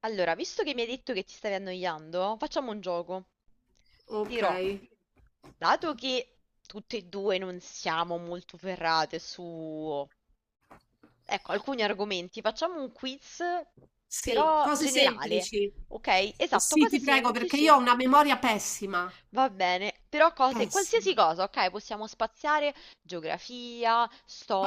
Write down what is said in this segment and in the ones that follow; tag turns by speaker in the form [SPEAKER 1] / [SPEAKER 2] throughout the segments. [SPEAKER 1] Allora, visto che mi hai detto che ti stavi annoiando, facciamo un gioco.
[SPEAKER 2] Ok.
[SPEAKER 1] Però, dato che tutte e due non siamo molto ferrate su, ecco, alcuni argomenti, facciamo un quiz
[SPEAKER 2] Sì,
[SPEAKER 1] però
[SPEAKER 2] cose
[SPEAKER 1] generale.
[SPEAKER 2] semplici.
[SPEAKER 1] Ok? Esatto,
[SPEAKER 2] Sì,
[SPEAKER 1] cose
[SPEAKER 2] ti prego, perché
[SPEAKER 1] semplici.
[SPEAKER 2] io ho una memoria pessima.
[SPEAKER 1] Va bene, però cose, qualsiasi
[SPEAKER 2] Pessima.
[SPEAKER 1] cosa, ok? Possiamo spaziare geografia,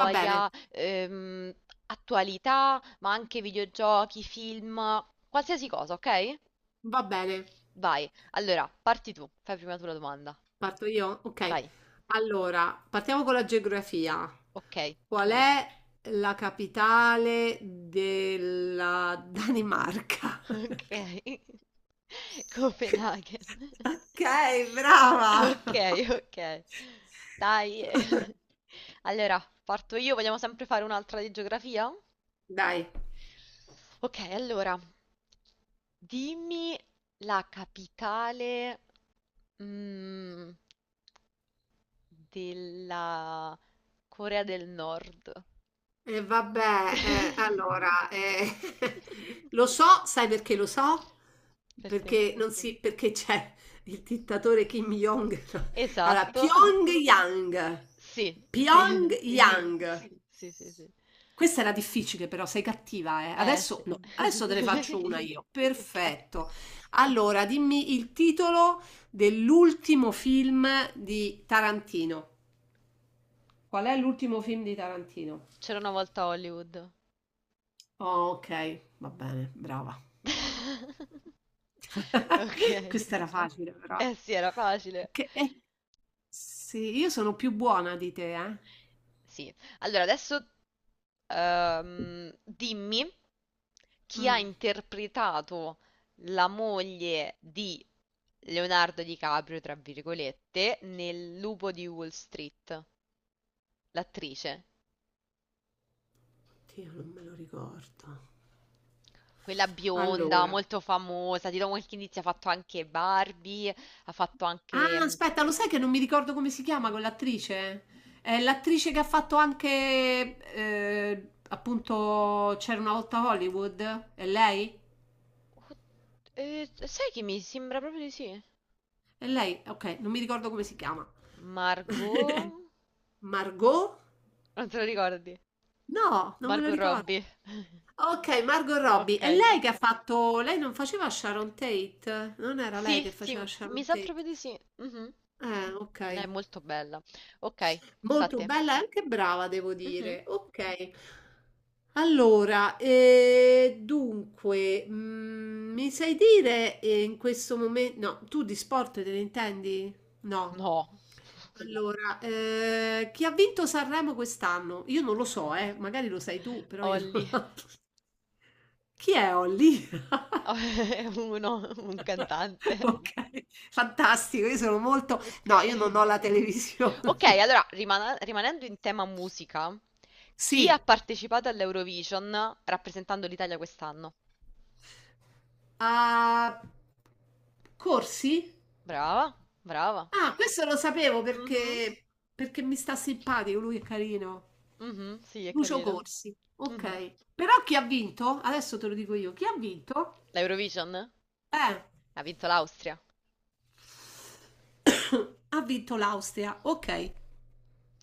[SPEAKER 2] Va bene,
[SPEAKER 1] attualità, ma anche videogiochi, film, qualsiasi cosa, ok?
[SPEAKER 2] va bene.
[SPEAKER 1] Vai, allora, parti tu, fai prima tu la domanda.
[SPEAKER 2] Parto io? Ok.
[SPEAKER 1] Vai,
[SPEAKER 2] Allora, partiamo con la geografia.
[SPEAKER 1] ok.
[SPEAKER 2] Qual è la capitale della Danimarca?
[SPEAKER 1] Ok. Copenaghen.
[SPEAKER 2] Ok, brava.
[SPEAKER 1] Ok, ok. Dai. Allora, parto io, vogliamo sempre fare un'altra di geografia?
[SPEAKER 2] Dai.
[SPEAKER 1] Ok, allora, dimmi la capitale, mm, della Corea del Nord.
[SPEAKER 2] E vabbè, allora, lo so, sai perché lo so?
[SPEAKER 1] Perché?
[SPEAKER 2] Perché non si, perché c'è il dittatore Kim Jong. No. Allora,
[SPEAKER 1] Esatto,
[SPEAKER 2] Pyongyang.
[SPEAKER 1] sì, sì, sì,
[SPEAKER 2] Pyongyang.
[SPEAKER 1] sì, sì, sì, sì.
[SPEAKER 2] Questa era difficile, però sei cattiva, eh.
[SPEAKER 1] Eh
[SPEAKER 2] Adesso
[SPEAKER 1] sì.
[SPEAKER 2] no, adesso te ne faccio una io.
[SPEAKER 1] Ok,
[SPEAKER 2] Perfetto. Allora, dimmi il titolo dell'ultimo film di Tarantino. Qual è l'ultimo film di Tarantino?
[SPEAKER 1] c'era una volta a Hollywood.
[SPEAKER 2] Oh, okay, va bene, brava.
[SPEAKER 1] Ok.
[SPEAKER 2] Questa era facile però.
[SPEAKER 1] Eh sì, era facile.
[SPEAKER 2] Che sì, io sono più buona di te, eh.
[SPEAKER 1] Sì. Allora, adesso dimmi chi ha
[SPEAKER 2] Mm.
[SPEAKER 1] interpretato la moglie di Leonardo DiCaprio, tra virgolette, nel Lupo di Wall Street, l'attrice,
[SPEAKER 2] Oddio, non me lo ricordo.
[SPEAKER 1] quella bionda,
[SPEAKER 2] Allora,
[SPEAKER 1] molto famosa, di do qualche indizio, ha fatto anche Barbie, ha fatto anche...
[SPEAKER 2] ah,
[SPEAKER 1] mm,
[SPEAKER 2] aspetta, lo sai che non mi ricordo come si chiama quell'attrice? È l'attrice che ha fatto anche, appunto, C'era una volta Hollywood? È lei?
[SPEAKER 1] oh, sai che mi sembra proprio di sì?
[SPEAKER 2] È lei? Ok, non mi ricordo come si chiama.
[SPEAKER 1] Margot?
[SPEAKER 2] Margot?
[SPEAKER 1] Non te lo ricordi?
[SPEAKER 2] No, non me lo
[SPEAKER 1] Margot
[SPEAKER 2] ricordo.
[SPEAKER 1] Robbie.
[SPEAKER 2] Ok, Margot Robbie.
[SPEAKER 1] Ok.
[SPEAKER 2] È lei che ha fatto... Lei non faceva Sharon Tate? Non era lei
[SPEAKER 1] Sì,
[SPEAKER 2] che
[SPEAKER 1] sì,
[SPEAKER 2] faceva
[SPEAKER 1] mi
[SPEAKER 2] Sharon
[SPEAKER 1] sa
[SPEAKER 2] Tate?
[SPEAKER 1] proprio di sì. Mhm.
[SPEAKER 2] Ok.
[SPEAKER 1] Lei è molto bella. Ok, sta a
[SPEAKER 2] Molto
[SPEAKER 1] te.
[SPEAKER 2] bella e anche brava, devo
[SPEAKER 1] Mhm.
[SPEAKER 2] dire. Ok. Allora, dunque, mi sai dire in questo momento... No, tu di sport te ne intendi? No.
[SPEAKER 1] No.
[SPEAKER 2] Allora, chi ha vinto Sanremo quest'anno? Io non lo so, magari lo sai tu, però io
[SPEAKER 1] Olli.
[SPEAKER 2] non... Chi è Holly?
[SPEAKER 1] Oh, è uno, un cantante.
[SPEAKER 2] Ok, fantastico, io sono molto
[SPEAKER 1] Ok.
[SPEAKER 2] no, io non ho la televisione.
[SPEAKER 1] Ok, allora rimanendo in tema musica, chi ha
[SPEAKER 2] Sì,
[SPEAKER 1] partecipato all'Eurovision rappresentando l'Italia quest'anno?
[SPEAKER 2] a Corsi?
[SPEAKER 1] Brava, brava.
[SPEAKER 2] Ah, questo lo sapevo
[SPEAKER 1] Mhm,
[SPEAKER 2] perché mi sta simpatico, lui è carino.
[SPEAKER 1] mhm, sì, è
[SPEAKER 2] Lucio
[SPEAKER 1] carino.
[SPEAKER 2] Corsi.
[SPEAKER 1] Mhm.
[SPEAKER 2] Okay. Però chi ha vinto? Adesso te lo dico io. Chi ha vinto?
[SPEAKER 1] L'Eurovision
[SPEAKER 2] Eh.
[SPEAKER 1] ha vinto l'Austria.
[SPEAKER 2] Ha vinto l'Austria. Ok.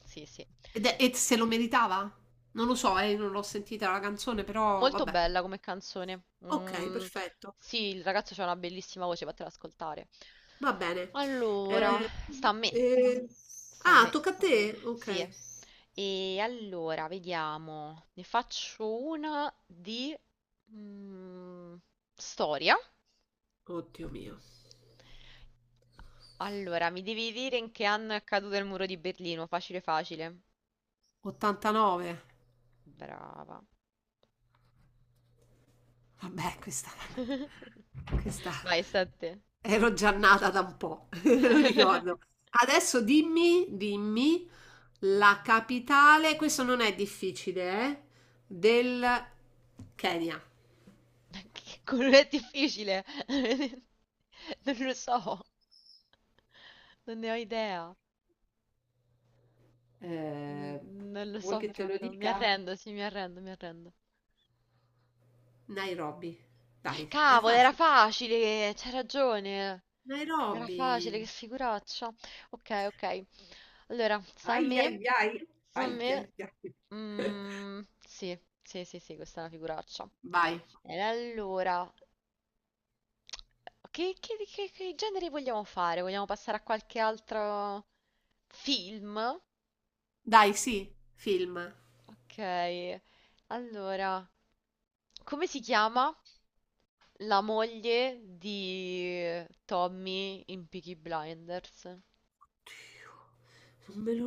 [SPEAKER 1] Sì, sì.
[SPEAKER 2] E se lo meritava? Non lo so, non l'ho sentita la canzone, però
[SPEAKER 1] Molto
[SPEAKER 2] vabbè.
[SPEAKER 1] bella come canzone.
[SPEAKER 2] Ok, perfetto.
[SPEAKER 1] Sì, il ragazzo ha una bellissima voce, fatela ascoltare.
[SPEAKER 2] Va bene.
[SPEAKER 1] Allora,
[SPEAKER 2] Eh,
[SPEAKER 1] sta a me,
[SPEAKER 2] eh,
[SPEAKER 1] sta a
[SPEAKER 2] Ah,
[SPEAKER 1] me.
[SPEAKER 2] tocca a te. Ok.
[SPEAKER 1] Sì. E allora, vediamo, ne faccio una di mm, storia.
[SPEAKER 2] Oddio mio.
[SPEAKER 1] Allora, mi devi dire in che anno è caduto il muro di Berlino. Facile, facile.
[SPEAKER 2] 89.
[SPEAKER 1] Brava.
[SPEAKER 2] Vabbè, questa... Questa...
[SPEAKER 1] Vai, sta a te.
[SPEAKER 2] Ero già nata da un po', lo ricordo. Adesso dimmi, la capitale, questo non è difficile, del Kenya.
[SPEAKER 1] Che quello è difficile. Non lo so, non ne ho idea. Non,
[SPEAKER 2] Ehm,
[SPEAKER 1] non lo
[SPEAKER 2] vuoi
[SPEAKER 1] so
[SPEAKER 2] che te lo
[SPEAKER 1] proprio. Mi
[SPEAKER 2] dica?
[SPEAKER 1] arrendo, sì, mi arrendo, mi arrendo.
[SPEAKER 2] Nairobi. Dai, era
[SPEAKER 1] Cavolo, era
[SPEAKER 2] facile.
[SPEAKER 1] facile, c'hai ragione. Era
[SPEAKER 2] Nairobi.
[SPEAKER 1] facile, che figuraccia. Ok, ok. Allora, sta a
[SPEAKER 2] Ai
[SPEAKER 1] me.
[SPEAKER 2] ai ai,
[SPEAKER 1] Sta a
[SPEAKER 2] ai ai
[SPEAKER 1] me.
[SPEAKER 2] ai.
[SPEAKER 1] Mm, sì, sì, sì, sì, questa è una figuraccia.
[SPEAKER 2] Vai.
[SPEAKER 1] E allora, che genere vogliamo fare? Vogliamo passare a qualche altro film?
[SPEAKER 2] Dai, sì, film.
[SPEAKER 1] Ok. Allora, come si chiama? La moglie di Tommy in Peaky Blinders.
[SPEAKER 2] Dio, non me lo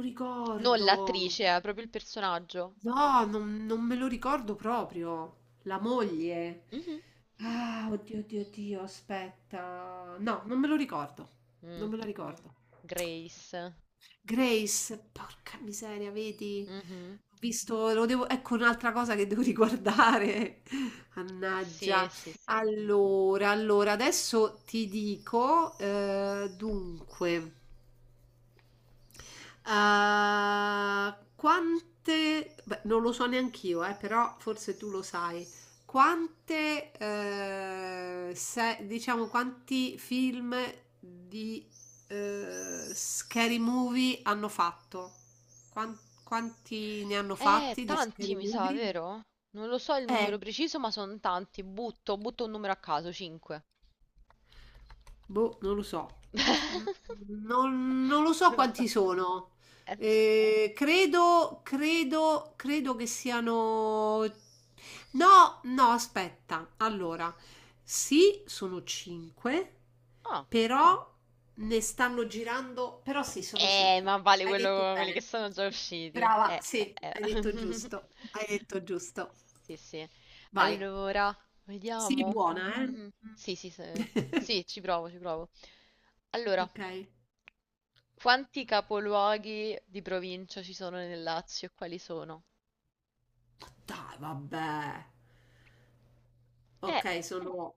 [SPEAKER 1] Non
[SPEAKER 2] ricordo.
[SPEAKER 1] l'attrice, è proprio il personaggio.
[SPEAKER 2] No, non me lo ricordo proprio. La moglie.
[SPEAKER 1] Mhm.
[SPEAKER 2] Ah, oddio, oddio, oddio, aspetta. No, non me lo ricordo.
[SPEAKER 1] Mm,
[SPEAKER 2] Non me lo ricordo.
[SPEAKER 1] Grace.
[SPEAKER 2] Grace, porca miseria, vedi?
[SPEAKER 1] Mhm.
[SPEAKER 2] Ho visto, lo devo, ecco un'altra cosa che devo riguardare.
[SPEAKER 1] Sì,
[SPEAKER 2] Mannaggia.
[SPEAKER 1] sì, sì.
[SPEAKER 2] Allora, adesso ti dico, dunque. Quante, beh, non lo so neanch'io, però forse tu lo sai. Quante, diciamo, quanti film di scary movie hanno fatto? Quan- Quanti ne hanno fatti di
[SPEAKER 1] Tanti
[SPEAKER 2] scary
[SPEAKER 1] mi sa,
[SPEAKER 2] movie?
[SPEAKER 1] vero? Non lo so il numero preciso, ma sono tanti. Butto un numero a caso, 5.
[SPEAKER 2] Boh, non lo so. Mm, Non lo so
[SPEAKER 1] Lo so.
[SPEAKER 2] quanti sono.
[SPEAKER 1] S-
[SPEAKER 2] Credo che siano... No, no, aspetta. Allora, sì, sono 5,
[SPEAKER 1] Ah.
[SPEAKER 2] però ne stanno girando... Però sì, sono 5.
[SPEAKER 1] Ma vale
[SPEAKER 2] Hai detto
[SPEAKER 1] quello, quelli che
[SPEAKER 2] bene.
[SPEAKER 1] sono già usciti.
[SPEAKER 2] Brava, sì,
[SPEAKER 1] Eh.
[SPEAKER 2] hai detto giusto. Hai detto giusto.
[SPEAKER 1] Sì, sì.
[SPEAKER 2] Vai.
[SPEAKER 1] Allora,
[SPEAKER 2] Sii
[SPEAKER 1] vediamo.
[SPEAKER 2] buona, eh?
[SPEAKER 1] Mm, sì, sì, sì, ci provo, ci provo. Allora,
[SPEAKER 2] Ok.
[SPEAKER 1] quanti capoluoghi di provincia ci sono nel Lazio e quali sono?
[SPEAKER 2] Dai, vabbè.
[SPEAKER 1] Eh,
[SPEAKER 2] Ok, sono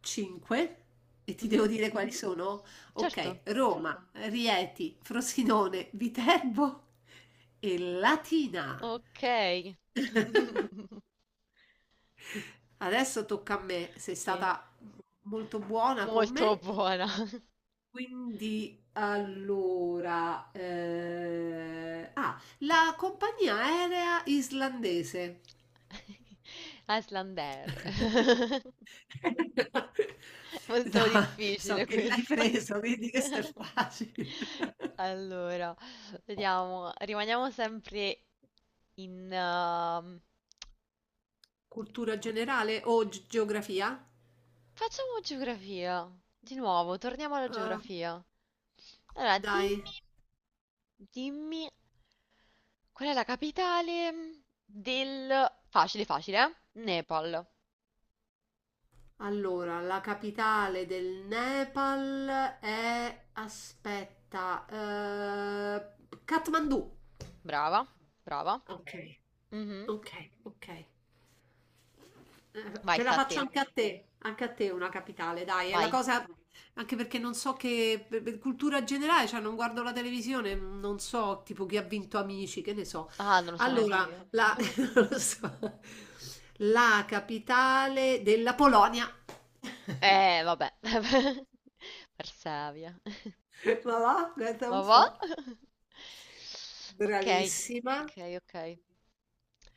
[SPEAKER 2] 5 e ti
[SPEAKER 1] mhm,
[SPEAKER 2] devo dire quali Mhm. sono?
[SPEAKER 1] certo.
[SPEAKER 2] Ok, Roma, Rieti, Frosinone, Viterbo e Latina.
[SPEAKER 1] Ok.
[SPEAKER 2] Adesso tocca a me, sei
[SPEAKER 1] Sì,
[SPEAKER 2] stata molto buona con
[SPEAKER 1] molto
[SPEAKER 2] me,
[SPEAKER 1] buona.
[SPEAKER 2] quindi allora... ah, la compagnia aerea islandese.
[SPEAKER 1] Aslander.
[SPEAKER 2] So
[SPEAKER 1] Molto
[SPEAKER 2] so
[SPEAKER 1] difficile
[SPEAKER 2] che l'hai
[SPEAKER 1] questa.
[SPEAKER 2] preso, vedi questo è facile.
[SPEAKER 1] Allora, vediamo, rimaniamo sempre in...
[SPEAKER 2] Cultura generale o geografia?
[SPEAKER 1] facciamo geografia. Di nuovo, torniamo alla
[SPEAKER 2] Ah,
[SPEAKER 1] geografia. Allora,
[SPEAKER 2] dai,
[SPEAKER 1] dimmi, qual è la capitale del... Facile, facile, eh? Nepal.
[SPEAKER 2] allora, la capitale del Nepal è... Aspetta, Kathmandu.
[SPEAKER 1] Brava, brava.
[SPEAKER 2] Ok,
[SPEAKER 1] Mhm.
[SPEAKER 2] ok.
[SPEAKER 1] Vai,
[SPEAKER 2] Te
[SPEAKER 1] sta
[SPEAKER 2] la
[SPEAKER 1] a te.
[SPEAKER 2] faccio anche a te una capitale, dai, è la
[SPEAKER 1] Vai.
[SPEAKER 2] cosa, anche perché non so che, per cultura generale, cioè non guardo la televisione, non so tipo chi ha vinto Amici, che ne so.
[SPEAKER 1] Ah, non lo so neanche
[SPEAKER 2] Allora,
[SPEAKER 1] io.
[SPEAKER 2] la, non lo so. La capitale della Polonia.
[SPEAKER 1] Vabbè. Persevia.
[SPEAKER 2] Ma va, guarda
[SPEAKER 1] Ma
[SPEAKER 2] un
[SPEAKER 1] va?
[SPEAKER 2] po'.
[SPEAKER 1] Ok,
[SPEAKER 2] Bravissima.
[SPEAKER 1] ok, ok.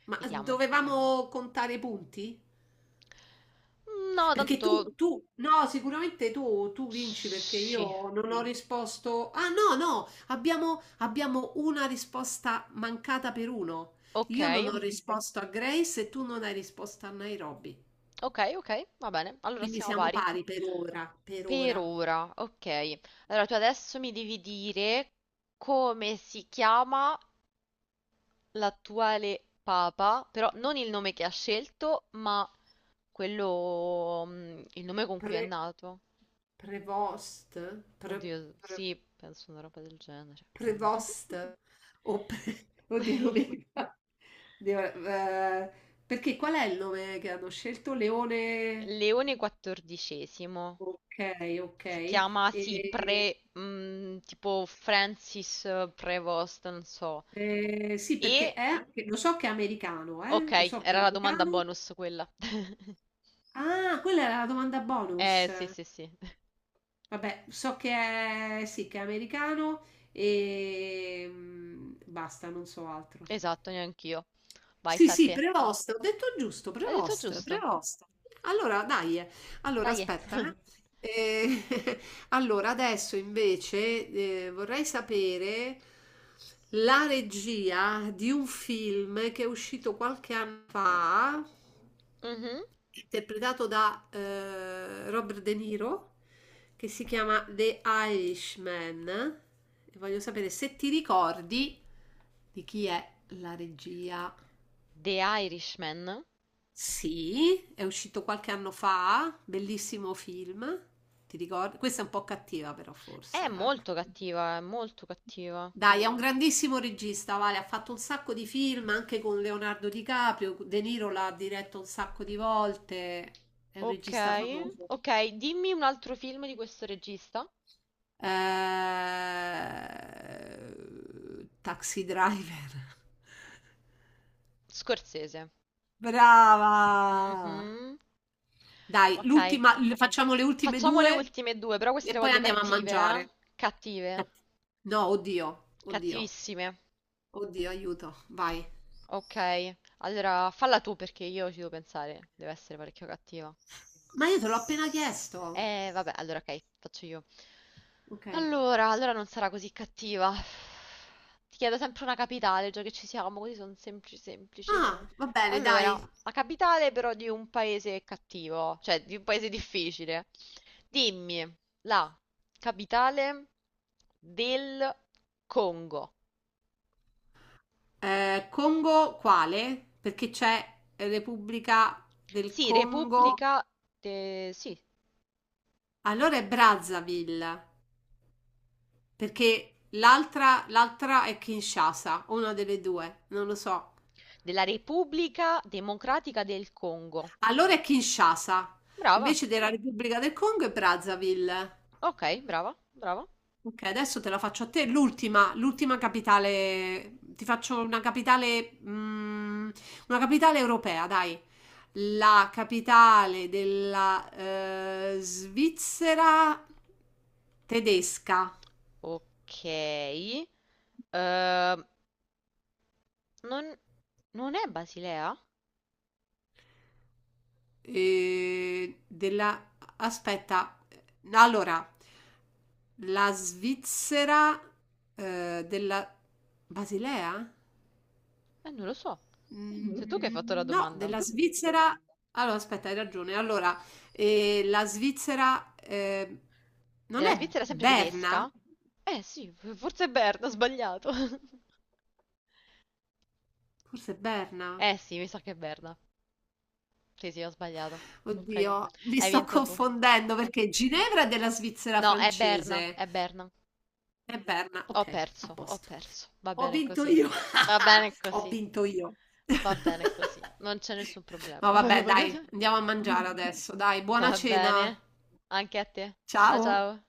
[SPEAKER 2] Ma
[SPEAKER 1] Vediamo.
[SPEAKER 2] dovevamo contare i punti?
[SPEAKER 1] No,
[SPEAKER 2] Perché
[SPEAKER 1] tanto...
[SPEAKER 2] no, sicuramente tu vinci perché
[SPEAKER 1] Sì.
[SPEAKER 2] io non ho risposto. Ah, no, no, abbiamo una risposta mancata per uno.
[SPEAKER 1] Ok,
[SPEAKER 2] Io non ho risposto a Grace e tu non hai risposto a Nairobi.
[SPEAKER 1] ok, ok, va bene. Allora
[SPEAKER 2] Quindi
[SPEAKER 1] siamo
[SPEAKER 2] siamo
[SPEAKER 1] pari.
[SPEAKER 2] pari per ora, per
[SPEAKER 1] Per
[SPEAKER 2] ora.
[SPEAKER 1] ora, ok. Allora tu adesso mi devi dire come si chiama l'attuale papa, però non il nome che ha scelto, ma quello, il nome con cui è
[SPEAKER 2] Pre-
[SPEAKER 1] nato.
[SPEAKER 2] prevost? Pre-
[SPEAKER 1] Oddio,
[SPEAKER 2] pre-
[SPEAKER 1] sì, penso una roba del genere.
[SPEAKER 2] prevost? Oddio, non mi ricordo. Oddio, eh, perché qual è il nome che hanno scelto? Leone...
[SPEAKER 1] Leone quattordicesimo.
[SPEAKER 2] Okay,
[SPEAKER 1] Si
[SPEAKER 2] okay.
[SPEAKER 1] chiama, sì,
[SPEAKER 2] E,
[SPEAKER 1] pre, tipo Francis Prevost, non so.
[SPEAKER 2] sì, perché
[SPEAKER 1] E,
[SPEAKER 2] è anche lo so che è americano,
[SPEAKER 1] ok,
[SPEAKER 2] lo so che è
[SPEAKER 1] era la domanda
[SPEAKER 2] americano.
[SPEAKER 1] bonus quella.
[SPEAKER 2] Ah, quella era la domanda bonus.
[SPEAKER 1] Sì, sì, sì.
[SPEAKER 2] Vabbè, so che è sì, che è americano e, mhmm, basta, non so altro.
[SPEAKER 1] Esatto, neanch'io. Vai,
[SPEAKER 2] Sì,
[SPEAKER 1] sta a
[SPEAKER 2] sì,
[SPEAKER 1] te.
[SPEAKER 2] Prevost, ho detto giusto,
[SPEAKER 1] Hai detto
[SPEAKER 2] Prevost,
[SPEAKER 1] giusto.
[SPEAKER 2] Prevost. Allora, dai, eh. Allora
[SPEAKER 1] Dai.
[SPEAKER 2] aspetta. Eh. Eh, allora, adesso invece vorrei sapere la regia di un film che è uscito qualche anno fa,
[SPEAKER 1] Mhm.
[SPEAKER 2] interpretato da Robert De Niro, che si chiama The Irishman. E voglio sapere se ti ricordi di chi è la regia.
[SPEAKER 1] The Irishman.
[SPEAKER 2] Sì, è uscito qualche anno fa, bellissimo film. Ti ricordi? Questa è un po' cattiva, però, forse.
[SPEAKER 1] È
[SPEAKER 2] Eh.
[SPEAKER 1] molto cattiva, è molto cattiva.
[SPEAKER 2] Dai, è un grandissimo regista, Vale. Ha fatto un sacco di film anche con Leonardo DiCaprio. De Niro l'ha diretto un sacco di volte. È un regista
[SPEAKER 1] Okay,
[SPEAKER 2] famoso.
[SPEAKER 1] okay, dimmi un altro film di questo regista.
[SPEAKER 2] Taxi Driver.
[SPEAKER 1] Scorsese.
[SPEAKER 2] Brava!
[SPEAKER 1] Mhm.
[SPEAKER 2] Dai,
[SPEAKER 1] Ok,
[SPEAKER 2] l'ultima, facciamo le ultime
[SPEAKER 1] facciamo le
[SPEAKER 2] due
[SPEAKER 1] ultime due, però queste
[SPEAKER 2] e
[SPEAKER 1] le
[SPEAKER 2] poi
[SPEAKER 1] voglio
[SPEAKER 2] andiamo a
[SPEAKER 1] cattive, eh?
[SPEAKER 2] mangiare.
[SPEAKER 1] Cattive,
[SPEAKER 2] No, oddio, oddio,
[SPEAKER 1] cattivissime.
[SPEAKER 2] oddio, aiuto, vai.
[SPEAKER 1] Ok, allora falla tu perché io ci devo pensare, deve essere parecchio cattiva.
[SPEAKER 2] Ma io te l'ho appena chiesto.
[SPEAKER 1] Vabbè, allora ok, faccio io.
[SPEAKER 2] Ok.
[SPEAKER 1] Allora, allora non sarà così cattiva. Ti chiedo sempre una capitale, già che ci siamo, così sono semplici semplici.
[SPEAKER 2] Ah, va bene,
[SPEAKER 1] Allora,
[SPEAKER 2] dai.
[SPEAKER 1] la capitale però di un paese cattivo, cioè di un paese difficile. Dimmi la capitale del Congo.
[SPEAKER 2] Congo quale? Perché c'è Repubblica del
[SPEAKER 1] Sì,
[SPEAKER 2] Congo.
[SPEAKER 1] Repubblica sì,
[SPEAKER 2] Allora è Brazzaville, perché l'altra è Kinshasa, o una delle due, non lo so.
[SPEAKER 1] della Repubblica Democratica del Congo.
[SPEAKER 2] Allora è Kinshasa,
[SPEAKER 1] Brava.
[SPEAKER 2] invece della Repubblica del Congo è Brazzaville.
[SPEAKER 1] Ok, brava, brava.
[SPEAKER 2] Ok, adesso te la faccio a te. L'ultima, l'ultima capitale, ti faccio una capitale, una capitale europea, dai. La capitale della Svizzera tedesca.
[SPEAKER 1] Ok. Non, non è Basilea?
[SPEAKER 2] Eh, della... Aspetta, allora, la Svizzera della Basilea?
[SPEAKER 1] Non lo so. Sei tu che hai fatto la
[SPEAKER 2] Mm, no,
[SPEAKER 1] domanda.
[SPEAKER 2] della Svizzera. Allora, aspetta, hai ragione. Allora, la Svizzera non
[SPEAKER 1] Della
[SPEAKER 2] è
[SPEAKER 1] Svizzera sempre
[SPEAKER 2] Berna?
[SPEAKER 1] tedesca? Eh sì, forse è Berna, ho sbagliato.
[SPEAKER 2] Forse è Berna.
[SPEAKER 1] Eh sì, mi sa che è Berna. Sì, sì, ho sbagliato. Ok.
[SPEAKER 2] Oddio, mi
[SPEAKER 1] Hai
[SPEAKER 2] sto
[SPEAKER 1] vinto tu.
[SPEAKER 2] confondendo perché Ginevra è della Svizzera
[SPEAKER 1] No, è Berna,
[SPEAKER 2] francese.
[SPEAKER 1] è Berna.
[SPEAKER 2] È Berna.
[SPEAKER 1] Ho
[SPEAKER 2] Ok, a
[SPEAKER 1] perso, ho
[SPEAKER 2] posto.
[SPEAKER 1] perso. Va
[SPEAKER 2] Ho
[SPEAKER 1] bene
[SPEAKER 2] vinto
[SPEAKER 1] così.
[SPEAKER 2] io.
[SPEAKER 1] Va bene
[SPEAKER 2] Ho
[SPEAKER 1] così.
[SPEAKER 2] vinto io.
[SPEAKER 1] Va bene così, non c'è nessun problema.
[SPEAKER 2] No, vabbè, dai, andiamo a mangiare adesso. Dai, buona
[SPEAKER 1] Va bene,
[SPEAKER 2] cena.
[SPEAKER 1] anche a te. Ciao
[SPEAKER 2] Ciao. Ciao.
[SPEAKER 1] ciao.